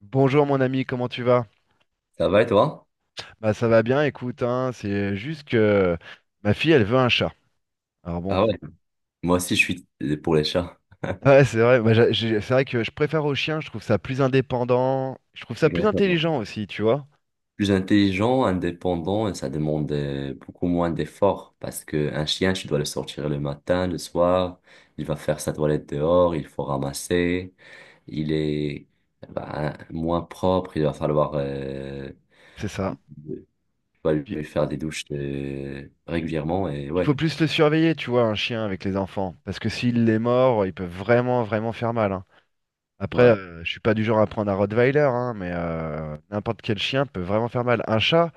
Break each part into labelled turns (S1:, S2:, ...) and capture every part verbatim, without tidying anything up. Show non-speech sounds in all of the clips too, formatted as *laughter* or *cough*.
S1: Bonjour mon ami, comment tu vas?
S2: Ça va et toi?
S1: Bah ça va bien, écoute, hein, c'est juste que ma fille elle veut un chat. Alors bon,
S2: Ah ouais, moi aussi je suis pour les chats.
S1: *laughs* ouais c'est vrai, bah, j'a- j'ai- c'est vrai que je préfère au chien, je trouve ça plus indépendant, je trouve ça plus
S2: Exactement.
S1: intelligent aussi, tu vois,
S2: Plus intelligent, indépendant et ça demande euh, beaucoup moins d'efforts parce qu'un chien, tu dois le sortir le matin, le soir, il va faire sa toilette dehors, il faut ramasser, il est bah, moins propre, il va falloir euh,
S1: c'est ça.
S2: tu vas
S1: Puis,
S2: lui faire des douches euh, régulièrement et
S1: il faut
S2: ouais.
S1: plus le surveiller, tu vois, un chien avec les enfants, parce que s'il est mort, il peut vraiment vraiment faire mal, hein. Après,
S2: Ouais.
S1: euh, je suis pas du genre à prendre un Rottweiler, hein, mais euh, n'importe quel chien peut vraiment faire mal. Un chat,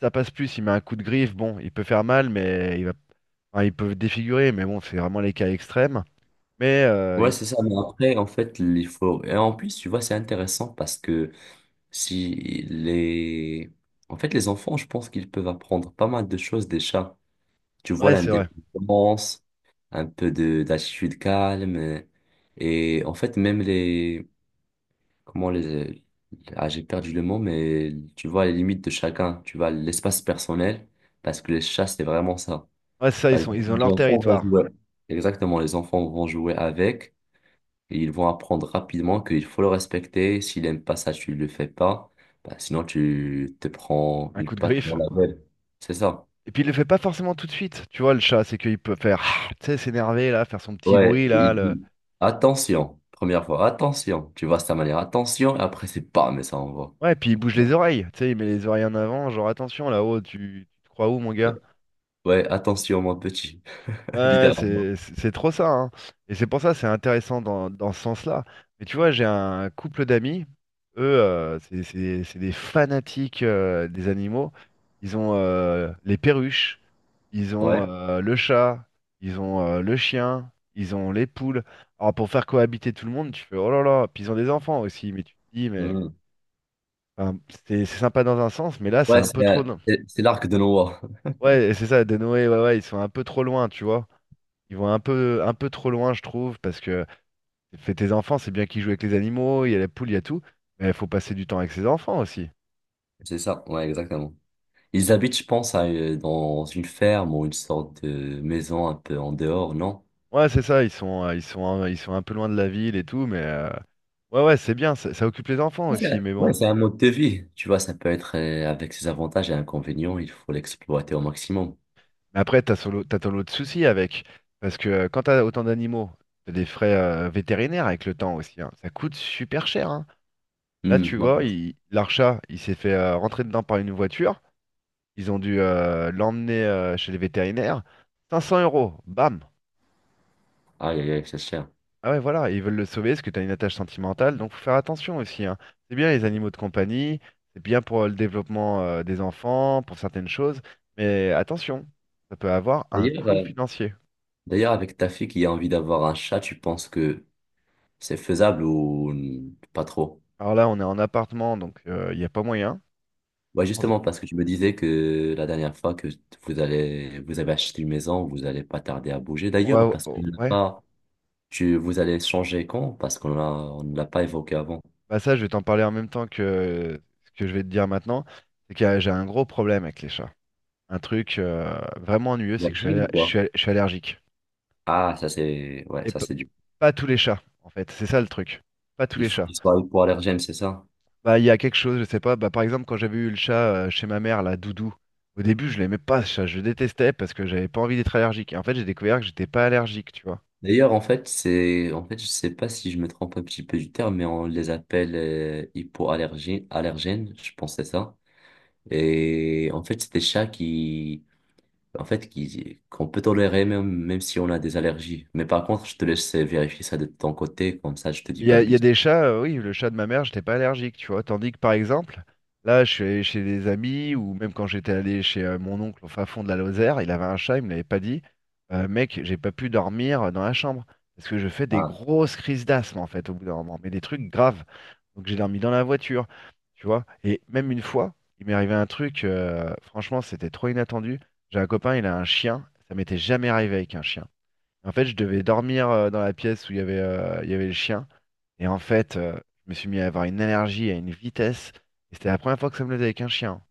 S1: ça passe plus, il met un coup de griffe, bon, il peut faire mal, mais il va. Enfin, ils peuvent défigurer, mais bon, c'est vraiment les cas extrêmes. Mais euh,
S2: Ouais,
S1: ils-
S2: c'est ça. Mais après, en fait, il faut. Et en plus, tu vois, c'est intéressant parce que Si les... en fait, les enfants, je pense qu'ils peuvent apprendre pas mal de choses des chats. Tu vois
S1: ouais, c'est vrai.
S2: l'indépendance, un peu de d'attitude calme. euh, Et en fait, même les... Comment les... Ah, j'ai perdu le mot, mais tu vois les limites de chacun. Tu vois l'espace personnel, parce que les chats, c'est vraiment ça.
S1: Ouais, c'est ça, ils
S2: Par
S1: sont,
S2: exemple,
S1: ils ont
S2: les
S1: leur
S2: enfants vont
S1: territoire.
S2: jouer. Exactement, les enfants vont jouer avec. Et ils vont apprendre rapidement qu'il faut le respecter. S'il n'aime pas ça, tu ne le fais pas. Bah, sinon, tu te prends
S1: Un
S2: une
S1: coup de
S2: patte
S1: griffe.
S2: dans la gueule. C'est ça.
S1: Et puis il le fait pas forcément tout de suite. Tu vois, le chat, c'est qu'il peut faire, ah tu sais, s'énerver là, faire son petit
S2: Ouais,
S1: bruit là.
S2: il
S1: Le...
S2: dit attention, première fois, attention. Tu vois, c'est ta manière, attention. Et après, c'est pas, mais ça envoie.
S1: Ouais, puis il bouge les oreilles. Tu sais, il met les oreilles en avant, genre attention là-haut, tu, tu te crois où, mon gars?
S2: Ouais, attention, mon petit. *laughs*
S1: Ouais,
S2: Littéralement.
S1: c'est c'est- c'est trop ça, hein. Et c'est pour ça, c'est intéressant dans, dans ce sens-là. Mais tu vois, j'ai un couple d'amis, eux, euh, c'est c'est- c'est des fanatiques euh, des animaux. Ils ont euh, les perruches, ils ont
S2: Ouais.
S1: euh, le chat, ils ont euh, le chien, ils ont les poules. Alors pour faire cohabiter tout le monde, tu fais oh là là, puis ils ont des enfants aussi, mais tu te dis, mais
S2: Hmm.
S1: enfin, c'est c'est sympa dans un sens, mais là, c'est
S2: Ouais,
S1: un
S2: c'est
S1: peu trop,
S2: euh,
S1: non.
S2: c'est- c'est l'arc de Noah.
S1: Ouais, c'est ça, des Noé, ouais, ouais, ils sont un peu trop loin, tu vois. Ils vont un peu, un peu trop loin, je trouve, parce que fais tes enfants, c'est bien qu'ils jouent avec les animaux, il y a la poule, il y a tout, mais il faut passer du temps avec ses enfants aussi.
S2: C'est ça, ouais, exactement. Ils habitent, je pense, à, euh, dans une ferme ou une sorte de maison un peu en dehors, non?
S1: Ouais, c'est ça, ils sont, euh, ils sont, un- ils sont un peu loin de la ville et tout, mais euh, ouais, ouais, c'est bien, ça, ça occupe les enfants
S2: C'est
S1: aussi, mais
S2: Ouais,
S1: bon.
S2: c'est un mode de vie. Tu vois, ça peut être euh, avec ses avantages et inconvénients, il faut l'exploiter au maximum.
S1: Mais après, t'as solo, t'as ton lot de soucis avec, parce que euh, quand t'as autant d'animaux, t'as des frais euh, vétérinaires avec le temps aussi, hein. Ça coûte super cher, hein. Là,
S2: Hmm,
S1: tu
S2: ouais.
S1: vois, il- l'archat, il s'est fait euh, rentrer dedans par une voiture. Ils ont dû euh, l'emmener euh, chez les vétérinaires. cinq cents euros, bam.
S2: Aïe, aïe, aïe, c'est cher.
S1: Ah ouais, voilà, ils veulent le sauver parce que tu as une attache sentimentale, donc faut faire attention aussi, hein. C'est bien les animaux de compagnie, c'est bien pour euh, le développement euh, des enfants, pour certaines choses, mais attention, ça peut avoir un
S2: D'ailleurs,
S1: coût
S2: euh,
S1: financier.
S2: d'ailleurs, avec ta fille qui a envie d'avoir un chat, tu penses que c'est faisable ou n- pas trop?
S1: Alors là, on est en appartement, donc euh, il n'y a pas moyen.
S2: Ouais,
S1: On
S2: justement, parce que tu me disais que la dernière fois que vous allez, vous avez acheté une maison, vous allez pas tarder à bouger.
S1: on
S2: D'ailleurs,
S1: va,
S2: parce que
S1: oh, ouais,
S2: pas, tu, vous allez changer quand? Parce qu'on a, on ne l'a pas évoqué avant.
S1: bah ça, je vais t'en parler en même temps que ce que je vais te dire maintenant, c'est que euh, j'ai un gros problème avec les chats. Un truc euh, vraiment ennuyeux,
S2: La
S1: c'est que je suis,
S2: gym,
S1: aller- je
S2: quoi.
S1: suis, je suis allergique.
S2: Ah, ça c'est, ouais,
S1: Et
S2: ça
S1: p-
S2: c'est du.
S1: pas tous les chats, en fait. C'est ça le truc. Pas tous
S2: Il
S1: les
S2: faut
S1: chats.
S2: disparaître pour allergène, c'est ça?
S1: Bah, il y a quelque chose, je sais pas. Bah, par exemple, quand j'avais eu le chat euh, chez ma mère, là, Doudou, au début, je l'aimais pas, ce chat. Je le détestais parce que j'avais pas envie d'être allergique. Et en fait, j'ai découvert que j'étais pas allergique, tu vois.
S2: D'ailleurs, en fait, c'est, en fait, je sais pas si je me trompe un petit peu du terme, mais on les appelle euh, hypoallergènes, allergènes, je pense que c'est ça. Et en fait, c'est des chats qui, en fait, qui, qu'on peut tolérer même, même si on a des allergies. Mais par contre, je te laisse vérifier ça de ton côté, comme ça, je te dis
S1: Il y
S2: pas
S1: a,
S2: de
S1: il y a
S2: bêtises.
S1: des chats, euh, oui, le chat de ma mère, j'étais pas allergique, tu vois. Tandis que par exemple, là, je suis allé chez des amis, ou même quand j'étais allé chez euh, mon oncle au fin fond de la Lozère, il avait un chat, il me l'avait pas dit. Euh, mec, j'ai pas pu dormir euh, dans la chambre. Parce que je fais des
S2: Ah,
S1: grosses crises d'asthme, en fait, au bout d'un moment, mais des trucs graves. Donc j'ai dormi dans la voiture, tu vois. Et même une fois, il m'est arrivé un truc, euh, franchement, c'était trop inattendu. J'ai un copain, il a un chien. Ça m'était jamais arrivé avec un chien. En fait, je devais dormir euh, dans la pièce où il y avait, euh, il y avait le chien. Et en fait, euh, je me suis mis à avoir une allergie à une vitesse. Et c'était la première fois que ça me le faisait avec un chien.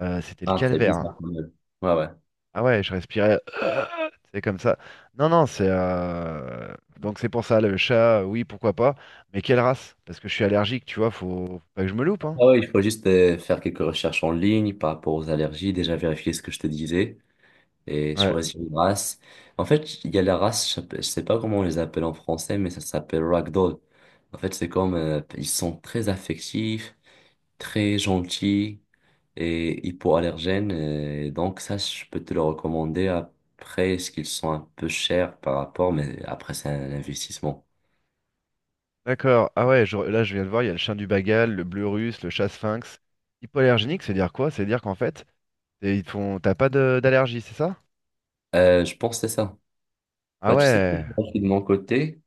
S1: Euh, c'était le
S2: ah, c'est
S1: calvaire, hein.
S2: bizarre quand même. Ouais, ouais.
S1: Ah ouais, je respirais. *clears throat* C'est comme ça. Non, non, c'est. euh, Donc c'est pour ça, le chat, euh, oui, pourquoi pas. Mais quelle race? Parce que je suis allergique, tu vois, faut, faut pas que je me loupe, hein.
S2: Ah ouais, il faut juste euh, faire quelques recherches en ligne par rapport aux allergies, déjà vérifier ce que je te disais. Et
S1: Ouais,
S2: choisis une race. En fait, il y a la race, je sais je sais pas comment on les appelle en français, mais ça s'appelle ragdoll. En fait, c'est comme, euh, ils sont très affectifs, très gentils et hypoallergènes. euh, Et donc ça, je peux te le recommander après, ce qu'ils sont un peu chers par rapport, mais après, c'est un investissement.
S1: d'accord. Ah ouais, je- là, je viens de voir, il y a le chien du Bagal, le bleu russe, le chat sphinx. Hypoallergénique, c'est dire quoi? C'est dire qu'en fait, t'es- ils te font... t'as pas de- d'allergie, c'est ça?
S2: Euh, je pense que c'est ça.
S1: Ah
S2: Bah, tu sais, je
S1: ouais,
S2: suis de mon côté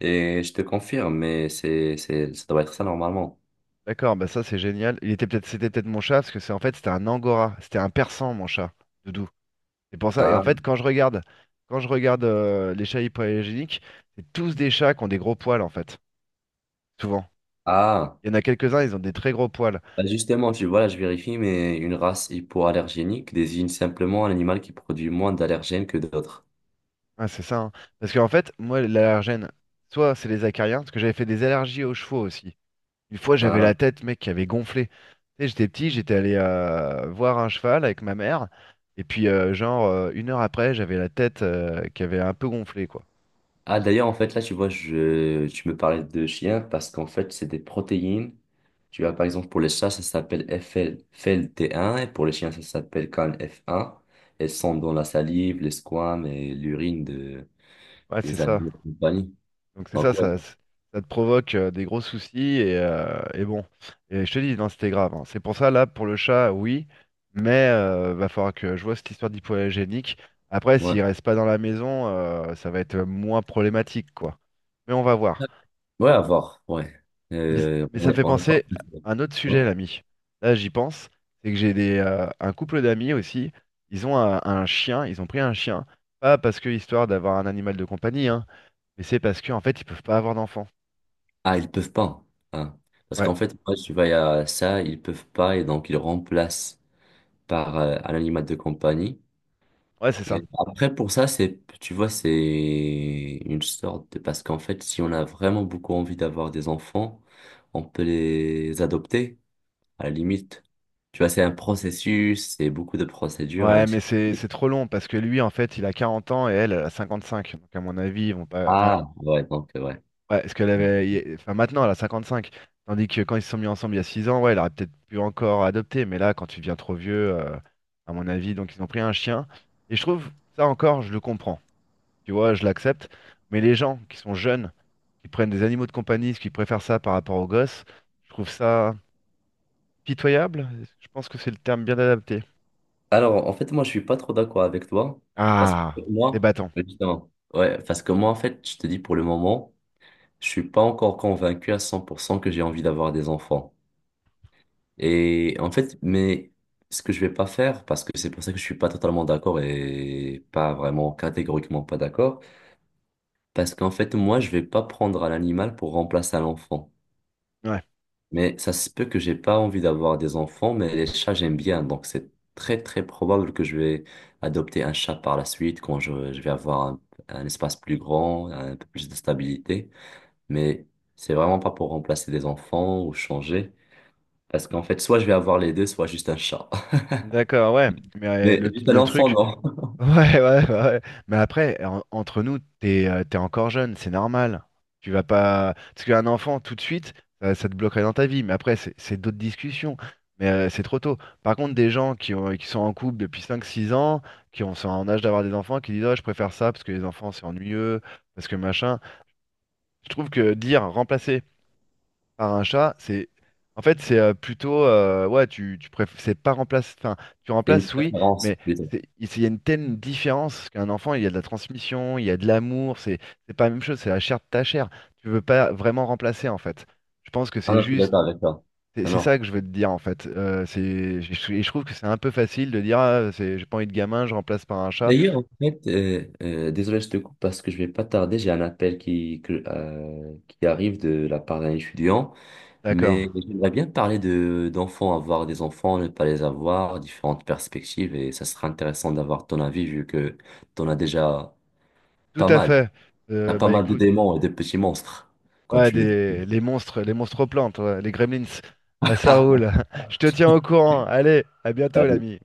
S2: et je te confirme, mais c'est, c'est, ça doit être ça normalement.
S1: d'accord, bah ça c'est génial. Il était peut-être, c'était peut-être mon chat, parce que c'est en fait c'était un angora, c'était un persan mon chat, Doudou. C'est pour ça. Et en
S2: Ah,
S1: fait quand je regarde, quand je regarde euh, les chats hypoallergéniques, c'est tous des chats qui ont des gros poils en fait, souvent.
S2: ah.
S1: Il y en a quelques-uns, ils ont des très gros poils.
S2: Bah, justement, je, voilà, je vérifie, mais une race hypoallergénique désigne simplement un animal qui produit moins d'allergènes que d'autres.
S1: Ah, c'est ça, hein. Parce qu'en fait, moi l'allergène, soit c'est les acariens, parce que j'avais fait des allergies aux chevaux aussi. Une fois, j'avais
S2: Ah,
S1: la tête, mec, qui avait gonflé. Tu sais, j'étais petit, j'étais allé euh, voir un cheval avec ma mère. Et puis, euh, genre, euh, une heure après, j'avais la tête euh, qui avait un peu gonflé, quoi.
S2: ah, d'ailleurs, en fait, là, tu vois, je, tu me parlais de chiens parce qu'en fait, c'est des protéines. Tu vois, par exemple, pour les chats, ça s'appelle F L T un et pour les chiens, ça s'appelle C A N F un. Elles sont dans la salive, les squames et l'urine de,
S1: Ouais, c'est
S2: des
S1: ça.
S2: animaux de compagnie.
S1: Donc, c'est
S2: Donc,
S1: ça,
S2: ouais,
S1: ça, c- ça te provoque euh, des gros soucis. Et, euh, et bon. Et je te dis, non, c'était grave, hein. C'est pour ça, là, pour le chat, oui. Mais euh, va falloir que je vois cette histoire d'hypoallergénique. Après,
S2: ouais.
S1: s'il reste pas dans la maison, euh, ça va être euh, moins problématique, quoi. Mais on va voir.
S2: Ouais, à voir, ouais.
S1: Mais,
S2: Euh,
S1: mais ça
S2: on
S1: me
S2: est,
S1: fait
S2: on est pas...
S1: penser
S2: Ouais.
S1: à un autre sujet,
S2: Ouais.
S1: l'ami. Là, j'y pense. C'est que j'ai des, euh, un couple d'amis aussi. Ils ont un, un chien. Ils ont pris un chien. Pas parce que histoire d'avoir un animal de compagnie, hein, mais c'est parce que en fait, ils peuvent pas avoir d'enfant.
S2: Ah, ils peuvent pas. Hein. Parce
S1: Ouais,
S2: qu'en fait, moi, tu vas à ça, ils peuvent pas et donc ils remplacent par euh, un animal de compagnie.
S1: ouais, c'est
S2: Et
S1: ça.
S2: après, pour ça, c'est, tu vois, c'est une sorte de... Parce qu'en fait, si on a vraiment beaucoup envie d'avoir des enfants, on peut les adopter, à la limite. Tu vois, c'est un processus, c'est beaucoup de procédures et
S1: Ouais, mais
S2: ainsi de
S1: c'est
S2: suite.
S1: c'est trop long parce que lui, en fait, il a quarante ans et elle, elle a cinq. Donc, à mon avis, ils vont pas. Enfin,
S2: Ah, ouais, donc, ouais.
S1: ouais, parce qu'elle avait. il- Enfin, maintenant, elle a cinquante-cinq. Tandis que quand ils se sont mis ensemble il y a six ans, ouais, elle aurait peut-être pu encore adopter. Mais là, quand tu deviens trop vieux, euh, à mon avis, donc ils ont pris un chien. Et je trouve, ça encore, je le comprends. Tu vois, je l'accepte. Mais les gens qui sont jeunes, qui prennent des animaux de compagnie, qui préfèrent ça par rapport aux gosses, je trouve ça pitoyable. Je pense que c'est le terme bien adapté.
S2: Alors, en fait, moi, je suis pas trop d'accord avec toi. Parce que
S1: Ah, les
S2: moi,
S1: bâtons.
S2: justement, ouais, parce que moi, en fait, je te dis pour le moment, je suis pas encore convaincu à cent pour cent que j'ai envie d'avoir des enfants. Et en fait, mais ce que je vais pas faire, parce que c'est pour ça que je suis pas totalement d'accord et pas vraiment catégoriquement pas d'accord, parce qu'en fait, moi, je vais pas prendre à l'animal pour remplacer à l'enfant.
S1: Ouais.
S2: Mais ça se peut que j'ai pas envie d'avoir des enfants, mais les chats, j'aime bien. Donc, c'est très, très probable que je vais adopter un chat par la suite quand je, je vais avoir un, un espace plus grand, un peu plus de stabilité. Mais c'est vraiment pas pour remplacer des enfants ou changer. Parce qu'en fait, soit je vais avoir les deux, soit juste un chat. *laughs*
S1: D'accord, ouais. Mais euh,
S2: Mais
S1: le,
S2: juste un
S1: le
S2: enfant,
S1: truc.
S2: non.
S1: Ouais, ouais, ouais, ouais. Mais après, en- entre nous, t'es, euh, t'es encore jeune, c'est normal. Tu vas pas. Parce qu'un enfant, tout de suite, ça, ça te bloquerait dans ta vie. Mais après, c'est c'est d'autres discussions. Mais euh, c'est trop tôt. Par contre, des gens qui ont, qui sont en couple depuis cinq, six ans, qui ont, sont en âge d'avoir des enfants, qui disent, oh, je préfère ça parce que les enfants, c'est ennuyeux, parce que machin. Je trouve que dire remplacer par un chat, c'est en fait c'est euh, plutôt euh, ouais tu tu préf- c'est pas remplace, enfin tu
S2: C'est une
S1: remplaces oui
S2: préférence,
S1: mais
S2: plutôt.
S1: c'est il c'est- il y a une telle différence parce qu'un enfant il y a de la transmission il y a de l'amour, c'est c'est pas la même chose, c'est la chair de ta chair, tu veux pas vraiment remplacer en fait, je pense que
S2: Ah
S1: c'est
S2: non, je suis d'accord
S1: juste,
S2: avec toi.
S1: c'est
S2: Non,
S1: c'est
S2: non.
S1: ça que je veux te dire en fait. Euh, c'est je, et je trouve que c'est un peu facile de dire ah, c'est j'ai pas envie de gamin je remplace par un chat.
S2: D'ailleurs, en fait, euh, euh, désolé, je te coupe parce que je vais pas tarder. J'ai un appel qui, que- euh, qui arrive de la part d'un étudiant, mais
S1: D'accord,
S2: j'aimerais bien parler de, d'enfants, avoir des enfants, ne pas les avoir, différentes perspectives, et ça sera intéressant d'avoir ton avis vu que tu en as déjà
S1: tout
S2: pas
S1: à
S2: mal.
S1: fait.
S2: T'as
S1: Euh,
S2: pas
S1: bah
S2: mal de
S1: écoute,
S2: démons et de petits monstres, comme
S1: ouais,
S2: tu me dis.
S1: des... les monstres, les monstres plantes, ouais, les gremlins. Ah, ça roule. *laughs* Je te tiens au courant. Allez, à bientôt,
S2: *laughs*
S1: l'ami.